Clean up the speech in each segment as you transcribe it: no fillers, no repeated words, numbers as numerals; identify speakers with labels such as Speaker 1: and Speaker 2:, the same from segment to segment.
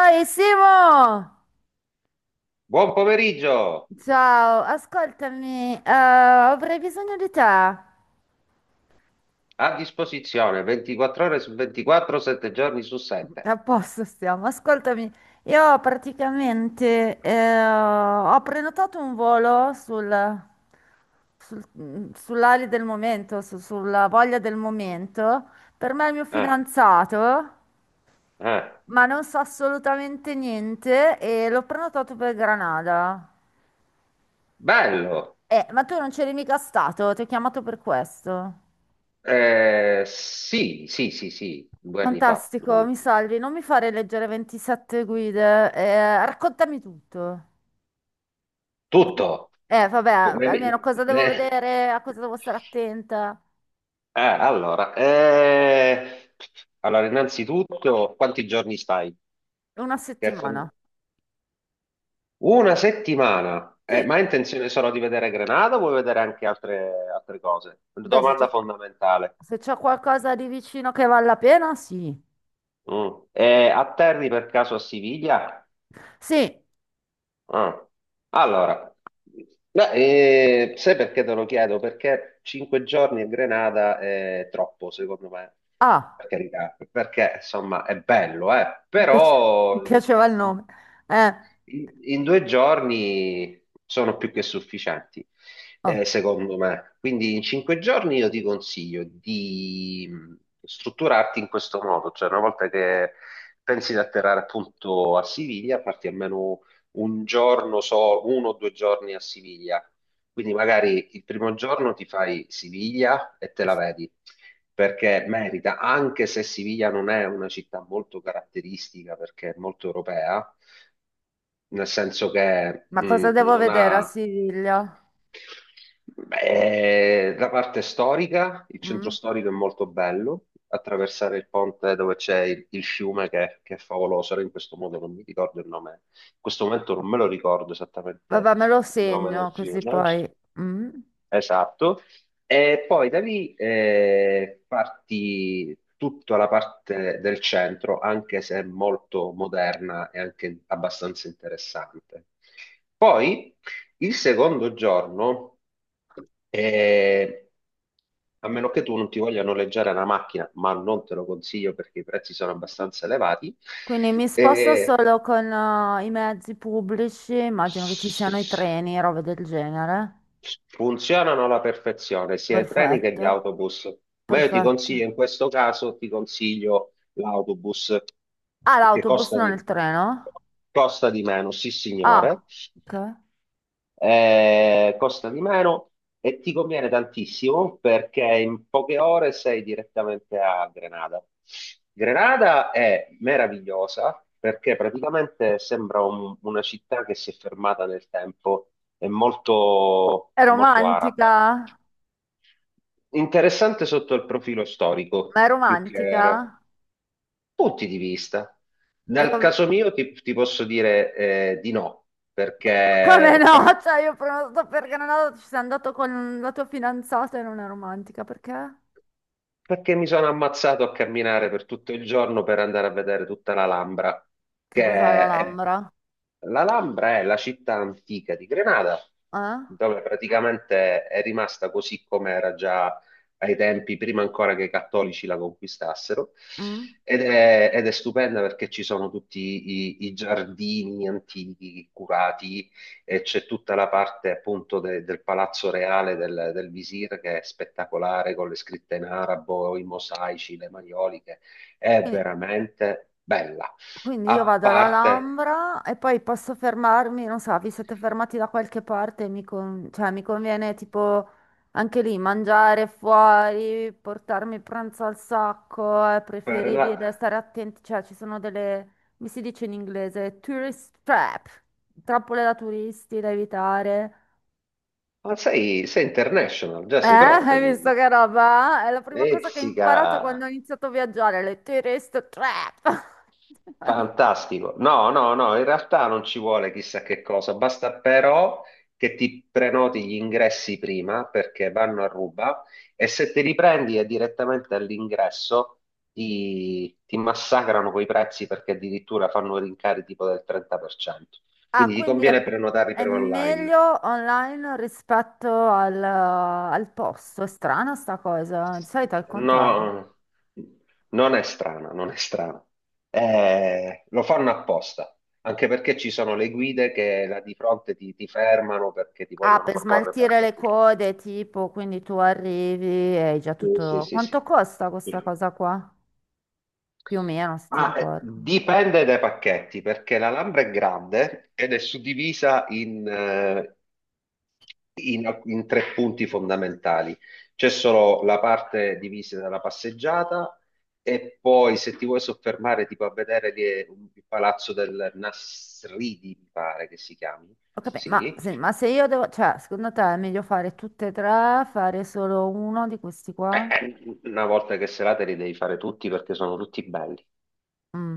Speaker 1: Oi Simo!
Speaker 2: Buon pomeriggio,
Speaker 1: Ciao, ascoltami, avrei bisogno di te. A
Speaker 2: a disposizione 24 ore su 24, 7 giorni su 7.
Speaker 1: posto stiamo, ascoltami. Io praticamente ho prenotato un volo sul, sul- mm, sull'ali del momento, su- sulla voglia del momento, per me è il mio
Speaker 2: Eh,
Speaker 1: fidanzato,
Speaker 2: eh.
Speaker 1: ma non so assolutamente niente e l'ho prenotato per Granada.
Speaker 2: Bello.
Speaker 1: Ma tu non c'eri mica stato, ti ho chiamato per questo.
Speaker 2: Sì, sì, sì, sì, 2 anni fa, due
Speaker 1: Fantastico,
Speaker 2: anni
Speaker 1: mi
Speaker 2: fa.
Speaker 1: salvi, non mi fare leggere 27 guide, raccontami tutto.
Speaker 2: Tutto.
Speaker 1: Vabbè,
Speaker 2: Ne-
Speaker 1: almeno cosa devo
Speaker 2: ne-
Speaker 1: vedere, a cosa devo stare attenta.
Speaker 2: Eh, Eh, allora, eh, allora, innanzitutto, quanti giorni stai?
Speaker 1: Una
Speaker 2: Che fon-
Speaker 1: settimana.
Speaker 2: Una settimana.
Speaker 1: Sì,
Speaker 2: Ma hai intenzione solo di vedere Grenada o vuoi vedere anche altre, altre cose? Una
Speaker 1: beh,
Speaker 2: domanda fondamentale.
Speaker 1: se c'è qualcosa di vicino che vale la pena, sì.
Speaker 2: Mm. E atterri per caso a Siviglia?
Speaker 1: Sì,
Speaker 2: Ah. Allora, beh, sai perché te lo chiedo? Perché 5 giorni a Grenada è troppo, secondo me. Per
Speaker 1: ah,
Speaker 2: carità, perché insomma è bello, eh?
Speaker 1: mi
Speaker 2: Però
Speaker 1: piaceva il nome. Eh,
Speaker 2: in 2 giorni sono più che sufficienti,
Speaker 1: oh,
Speaker 2: secondo me. Quindi in 5 giorni io ti consiglio di strutturarti in questo modo, cioè una volta che pensi di atterrare appunto a Siviglia, parti almeno un giorno, 1 o 2 giorni a Siviglia. Quindi magari il primo giorno ti fai Siviglia e te la vedi perché merita, anche se Siviglia non è una città molto caratteristica perché è molto europea, nel senso che
Speaker 1: ma cosa devo
Speaker 2: non
Speaker 1: vedere a
Speaker 2: ha...
Speaker 1: Siviglia?
Speaker 2: Beh, la parte storica, il centro
Speaker 1: Mm?
Speaker 2: storico è molto bello, attraversare il ponte dove c'è il fiume che è favoloso, ora in questo modo non mi ricordo il nome, in questo momento non me lo ricordo esattamente
Speaker 1: Vabbè, me lo
Speaker 2: il nome del
Speaker 1: segno
Speaker 2: fiume.
Speaker 1: così poi. Mm?
Speaker 2: Esatto, e poi da lì parti tutta la parte del centro, anche se molto moderna e anche abbastanza interessante. Poi il secondo giorno, eh, a meno che tu non ti voglia noleggiare una macchina, ma non te lo consiglio perché i prezzi sono abbastanza elevati.
Speaker 1: Quindi mi sposto
Speaker 2: eh,
Speaker 1: solo con i mezzi pubblici, immagino che ci siano i treni, robe del genere.
Speaker 2: Funzionano alla perfezione sia i treni che gli
Speaker 1: Perfetto,
Speaker 2: autobus, ma io ti
Speaker 1: perfetto.
Speaker 2: consiglio, in questo caso, ti consiglio l'autobus
Speaker 1: Ah,
Speaker 2: perché
Speaker 1: l'autobus, non il treno?
Speaker 2: costa di meno, sì
Speaker 1: Ah,
Speaker 2: signore.
Speaker 1: ok.
Speaker 2: Costa di meno e ti conviene tantissimo perché in poche ore sei direttamente a Grenada. Grenada è meravigliosa perché praticamente sembra una città che si è fermata nel tempo, è molto,
Speaker 1: È
Speaker 2: molto araba.
Speaker 1: romantica?
Speaker 2: Interessante sotto il profilo storico,
Speaker 1: Ma è
Speaker 2: più che
Speaker 1: romantica?
Speaker 2: punti di vista.
Speaker 1: E
Speaker 2: Nel
Speaker 1: dov-
Speaker 2: caso mio ti posso dire di no, perché
Speaker 1: Come
Speaker 2: ho cambiato.
Speaker 1: no? Cioè, io prenoto per Granada, ci sei andato con la tua fidanzata e non è romantica, perché?
Speaker 2: Perché mi sono ammazzato a camminare per tutto il giorno per andare a vedere tutta l'Alhambra,
Speaker 1: Che
Speaker 2: che
Speaker 1: cos'è
Speaker 2: è...
Speaker 1: l'Alhambra?
Speaker 2: L'Alhambra è la città antica di Grenada,
Speaker 1: Eh?
Speaker 2: dove praticamente è rimasta così come era già ai tempi, prima ancora che i cattolici la conquistassero.
Speaker 1: Mm?
Speaker 2: Ed è stupenda perché ci sono tutti i giardini antichi curati e c'è tutta la parte appunto del palazzo reale del visir che è spettacolare con le scritte in arabo, i mosaici, le maioliche, è
Speaker 1: Quindi-
Speaker 2: veramente bella.
Speaker 1: Quindi io
Speaker 2: A
Speaker 1: vado
Speaker 2: parte
Speaker 1: all'Alhambra e poi posso fermarmi, non so, vi siete fermati da qualche parte, cioè, mi conviene tipo anche lì mangiare fuori, portarmi il pranzo al sacco, è
Speaker 2: per la...
Speaker 1: preferibile stare attenti, cioè ci sono delle, mi si dice in inglese, tourist trap, trappole da turisti da evitare.
Speaker 2: Ma sei international, già sei pronta
Speaker 1: Hai visto
Speaker 2: quindi.
Speaker 1: che roba? È la prima cosa che ho
Speaker 2: Ezzica!
Speaker 1: imparato quando ho iniziato a viaggiare, le tourist trap.
Speaker 2: Fantastico. No, no, no, in realtà non ci vuole chissà che cosa, basta però che ti prenoti gli ingressi prima perché vanno a ruba e se te li prendi è direttamente all'ingresso ti massacrano quei prezzi perché addirittura fanno rincari tipo del 30%.
Speaker 1: Ah,
Speaker 2: Quindi ti conviene prenotarli
Speaker 1: è
Speaker 2: per online.
Speaker 1: meglio online rispetto al, al posto. È strana sta cosa, eh, di solito è il contrario.
Speaker 2: No, non è strana, non è strana. Lo fanno apposta, anche perché ci sono le guide che là di fronte ti fermano perché ti
Speaker 1: Ah,
Speaker 2: vogliono
Speaker 1: per
Speaker 2: proporre
Speaker 1: smaltire le
Speaker 2: pacchetti.
Speaker 1: code, tipo, quindi tu arrivi e hai già
Speaker 2: Sì, sì,
Speaker 1: tutto.
Speaker 2: sì, sì.
Speaker 1: Quanto costa questa cosa qua? Più o meno, se ti
Speaker 2: Ma
Speaker 1: ricordi.
Speaker 2: dipende dai pacchetti, perché la Lambra è grande ed è suddivisa in tre punti fondamentali. C'è solo la parte divisa dalla passeggiata e poi se ti vuoi soffermare tipo a vedere lì è il palazzo del Nasridi, mi pare che si chiami.
Speaker 1: Ho capito,
Speaker 2: Sì.
Speaker 1: ma se io devo, cioè, secondo te è meglio fare tutte e tre, fare solo uno di questi qua?
Speaker 2: Una volta che serate li devi fare tutti perché sono tutti belli.
Speaker 1: Mm.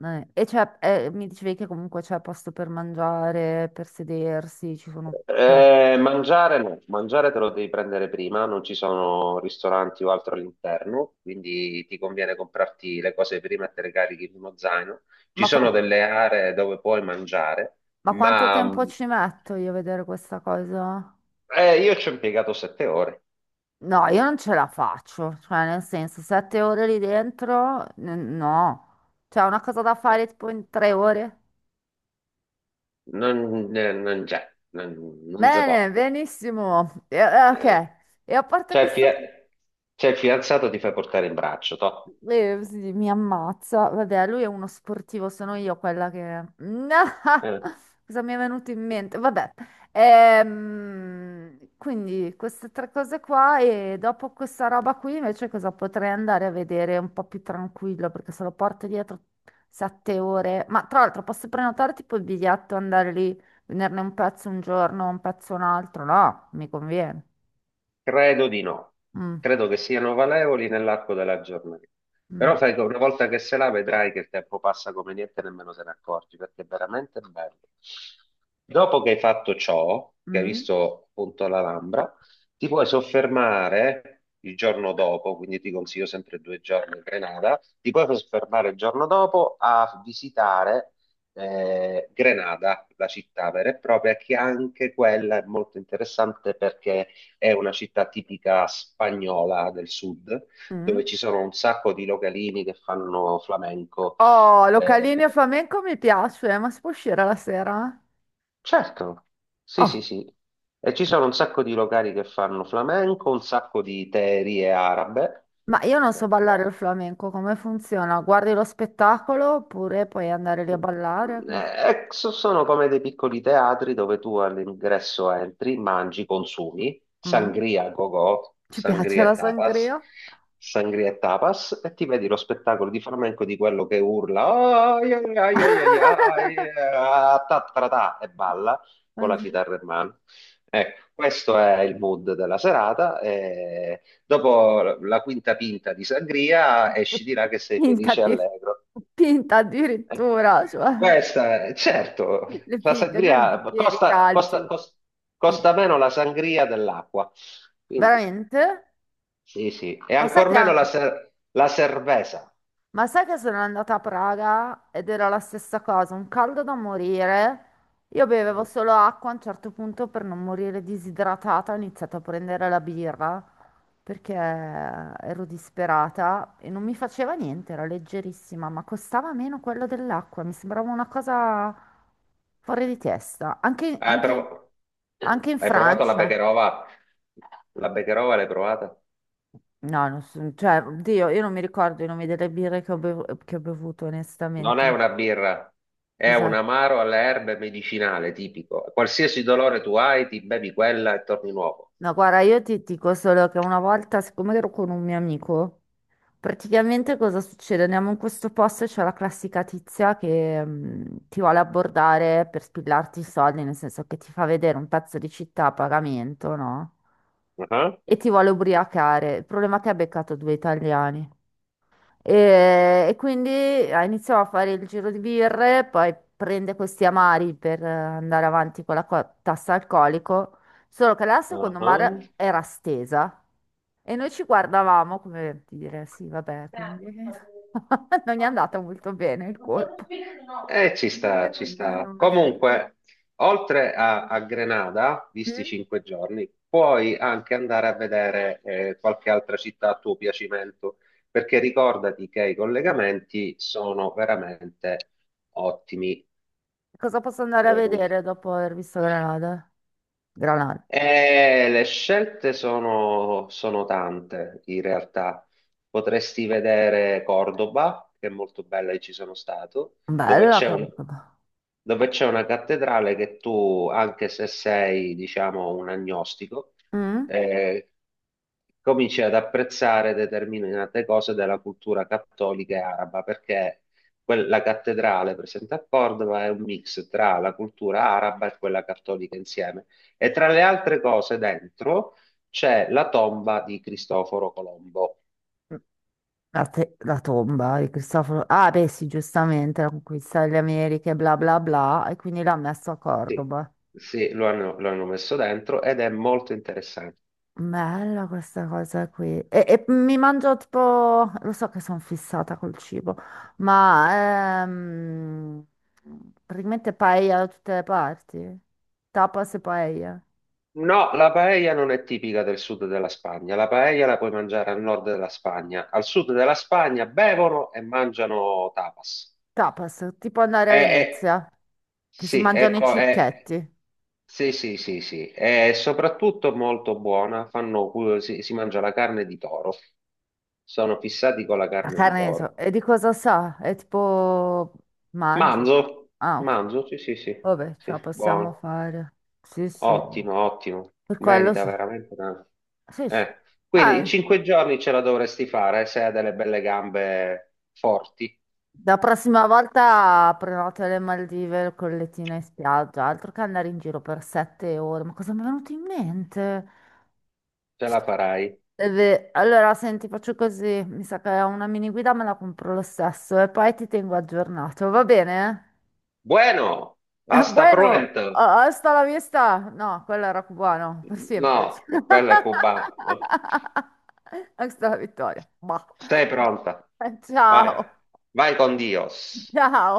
Speaker 1: E c'è, mi dicevi che comunque c'è posto per mangiare, per sedersi, ci sono, cioè.
Speaker 2: Mangiare no, mangiare te lo devi prendere prima, non ci sono ristoranti o altro all'interno, quindi ti conviene comprarti le cose prima e te le carichi in uno zaino. Ci
Speaker 1: Ma,
Speaker 2: sono
Speaker 1: qua-
Speaker 2: delle aree dove puoi mangiare,
Speaker 1: ma quanto
Speaker 2: ma
Speaker 1: tempo ci metto io a vedere questa cosa?
Speaker 2: io ci ho impiegato 7 ore.
Speaker 1: No, io non ce la faccio, cioè nel senso, 7 ore lì dentro, no. C'è una cosa da
Speaker 2: Eh,
Speaker 1: fare tipo in 3 ore?
Speaker 2: Non, non c'è, non si può.
Speaker 1: Bene, benissimo. Ok,
Speaker 2: Eh.
Speaker 1: e a parte
Speaker 2: C'è il
Speaker 1: questa...
Speaker 2: fia- c'è il fidanzato, ti fai portare in braccio, toh.
Speaker 1: E sì, mi ammazza. Vabbè, lui è uno sportivo, sono io quella che...
Speaker 2: Eh.
Speaker 1: Cosa mi è venuto in mente? Vabbè. Quindi queste tre cose qua e dopo questa roba qui invece cosa potrei andare a vedere un po' più tranquillo perché se lo porto dietro 7 ore. Ma tra l'altro posso prenotare tipo il biglietto, andare lì, venerne un pezzo un giorno, un pezzo un altro? No, mi conviene.
Speaker 2: Credo di no,
Speaker 1: Mm,
Speaker 2: credo che siano valevoli nell'arco della giornata. Però
Speaker 1: mm,
Speaker 2: sai che una volta che se la vedrai che il tempo passa come niente, nemmeno se ne accorgi, perché è veramente bello. Dopo che hai fatto ciò, che hai
Speaker 1: mm,
Speaker 2: visto appunto l'Alhambra, ti puoi soffermare il giorno dopo, quindi ti consiglio sempre 2 giorni in Grenada, ti puoi soffermare il giorno dopo a visitare Grenada, la città vera e propria, che anche quella è molto interessante perché è una città tipica spagnola del sud,
Speaker 1: mm.
Speaker 2: dove ci sono un sacco di localini che fanno flamenco.
Speaker 1: Oh, localino
Speaker 2: Eh,
Speaker 1: flamenco mi piace, ma si può uscire la sera?
Speaker 2: certo, sì, sì,
Speaker 1: Oh,
Speaker 2: sì. E ci sono un sacco di locali che fanno flamenco, un sacco di teerie arabe,
Speaker 1: ma io non so ballare
Speaker 2: perché
Speaker 1: il flamenco, come funziona? Guardi lo spettacolo oppure puoi andare lì a ballare?
Speaker 2: sono come dei piccoli teatri dove tu all'ingresso entri, mangi, consumi,
Speaker 1: Mm?
Speaker 2: sangria a go-go,
Speaker 1: Ci piace la sangria?
Speaker 2: sangria e tapas, e ti vedi lo spettacolo di flamenco di quello che urla "Ai, ai, ai, ai, ai, ai, ah, ta, tra, ta", e balla con la
Speaker 1: Mhm.
Speaker 2: chitarra in mano. Ecco, questo è il mood della serata. E dopo la quinta pinta di sangria esci di là che sei
Speaker 1: Pinta,
Speaker 2: felice e
Speaker 1: di-
Speaker 2: allegro.
Speaker 1: pinta
Speaker 2: Eh,
Speaker 1: addirittura, cioè
Speaker 2: certo,
Speaker 1: le
Speaker 2: la
Speaker 1: pinte, non i
Speaker 2: sangria
Speaker 1: bicchieri, i
Speaker 2: costa,
Speaker 1: calci.
Speaker 2: costa- cos-
Speaker 1: Pi-
Speaker 2: costa meno la sangria dell'acqua, quindi
Speaker 1: Veramente?
Speaker 2: sì, sì, e
Speaker 1: Ma sai
Speaker 2: ancor
Speaker 1: che
Speaker 2: meno la,
Speaker 1: anche...
Speaker 2: ser- la cerveza.
Speaker 1: Ma sai che sono andata a Praga ed era la stessa cosa, un caldo da morire. Io bevevo
Speaker 2: Eh,
Speaker 1: solo acqua, a un certo punto per non morire disidratata ho iniziato a prendere la birra perché ero disperata e non mi faceva niente, era leggerissima, ma costava meno quello dell'acqua, mi sembrava una cosa fuori di testa.
Speaker 2: Hai, prov-
Speaker 1: Anche in
Speaker 2: hai provato la
Speaker 1: Francia.
Speaker 2: Becherova? La Becherova l'hai provata?
Speaker 1: No, non so- cioè, oddio, io non mi ricordo i nomi delle birre che ho bevuto,
Speaker 2: Non è
Speaker 1: onestamente.
Speaker 2: una birra, è un
Speaker 1: Cos'è?
Speaker 2: amaro alle erbe medicinale tipico. Qualsiasi dolore tu hai, ti bevi quella e torni nuovo.
Speaker 1: No, guarda, io ti dico solo che una volta, siccome ero con un mio amico, praticamente cosa succede? Andiamo in questo posto e c'è la classica tizia che ti vuole abbordare per spillarti i soldi, nel senso che ti fa vedere un pezzo di città a pagamento, no?
Speaker 2: Ah,
Speaker 1: E ti vuole ubriacare. Il problema è che ha beccato due italiani. E quindi ah, iniziò a fare il giro di birre, poi prende questi amari per andare avanti con la tassa alcolico, solo che la secondo
Speaker 2: ah.
Speaker 1: mare era stesa e noi ci guardavamo come dire, sì, vabbè, quindi non è andata molto bene il colpo.
Speaker 2: Ci
Speaker 1: Che
Speaker 2: sta, ci
Speaker 1: non-
Speaker 2: sta.
Speaker 1: non ho-
Speaker 2: Comunque, oltre a Grenada, visti i
Speaker 1: Mm?
Speaker 2: 5 giorni, puoi anche andare a vedere qualche altra città a tuo piacimento, perché ricordati che i collegamenti sono veramente ottimi.
Speaker 1: Cosa posso andare a vedere dopo aver visto Granada? Granada.
Speaker 2: Le scelte sono tante in realtà. Potresti vedere Cordoba, che è molto bella e ci sono stato, dove
Speaker 1: Bella,
Speaker 2: c'è un-
Speaker 1: comunque.
Speaker 2: dove c'è una cattedrale che tu, anche se sei, diciamo, un agnostico,
Speaker 1: Mm?
Speaker 2: eh, cominci ad apprezzare determinate cose della cultura cattolica e araba, perché quella cattedrale presente a Cordova è un mix tra la cultura araba e quella cattolica insieme. E tra le altre cose dentro c'è la tomba di Cristoforo Colombo.
Speaker 1: La tomba di Cristoforo. Ah, beh, sì, giustamente, la conquista delle Americhe, bla bla bla, e quindi l'ha messo a
Speaker 2: Sì,
Speaker 1: Cordoba.
Speaker 2: sì, lo hanno messo dentro ed è molto interessante.
Speaker 1: Bella questa cosa qui. E mi mangio tipo, lo so che sono fissata col cibo, ma praticamente paella da tutte le parti. Tapas e paella.
Speaker 2: No, la paella non è tipica del sud della Spagna. La paella la puoi mangiare al nord della Spagna. Al sud della Spagna bevono e mangiano tapas.
Speaker 1: Tapas, tipo andare a
Speaker 2: È, è-
Speaker 1: Venezia, che si
Speaker 2: sì,
Speaker 1: mangiano i
Speaker 2: ecco, è,
Speaker 1: cicchetti.
Speaker 2: sì, sì, sì, sì, è soprattutto molto buona, fanno, si mangia la carne di toro, sono fissati con la
Speaker 1: La
Speaker 2: carne di
Speaker 1: carne, di so-
Speaker 2: toro.
Speaker 1: e di cosa sa? È tipo manzo.
Speaker 2: Manzo,
Speaker 1: Ah, ok.
Speaker 2: manzo, sì, sì, sì,
Speaker 1: Vabbè, ce
Speaker 2: sì,
Speaker 1: la possiamo
Speaker 2: buono,
Speaker 1: fare. Sì, sì,
Speaker 2: ottimo, ottimo,
Speaker 1: per quello
Speaker 2: merita
Speaker 1: so.
Speaker 2: veramente tanto.
Speaker 1: Sì, sì.
Speaker 2: Eh, quindi in
Speaker 1: Ah,
Speaker 2: cinque giorni ce la dovresti fare, se hai delle belle gambe forti,
Speaker 1: la prossima volta prenotate le Maldive con lettine in spiaggia, altro che andare in giro per 7 ore. Ma cosa mi è venuto in mente?
Speaker 2: ce la farai.
Speaker 1: Eh beh, allora, senti, faccio così. Mi sa che una mini guida me la compro lo stesso e poi ti tengo aggiornato, va bene?
Speaker 2: Bueno, hasta
Speaker 1: Bueno,
Speaker 2: pronto.
Speaker 1: ah, hasta la vista. No, quello era cubano, per sempre.
Speaker 2: No, quella è cubana, no?
Speaker 1: Hasta la vittoria. Bah.
Speaker 2: Sei pronta? Vai,
Speaker 1: Ciao.
Speaker 2: vai con Dios.
Speaker 1: Ciao.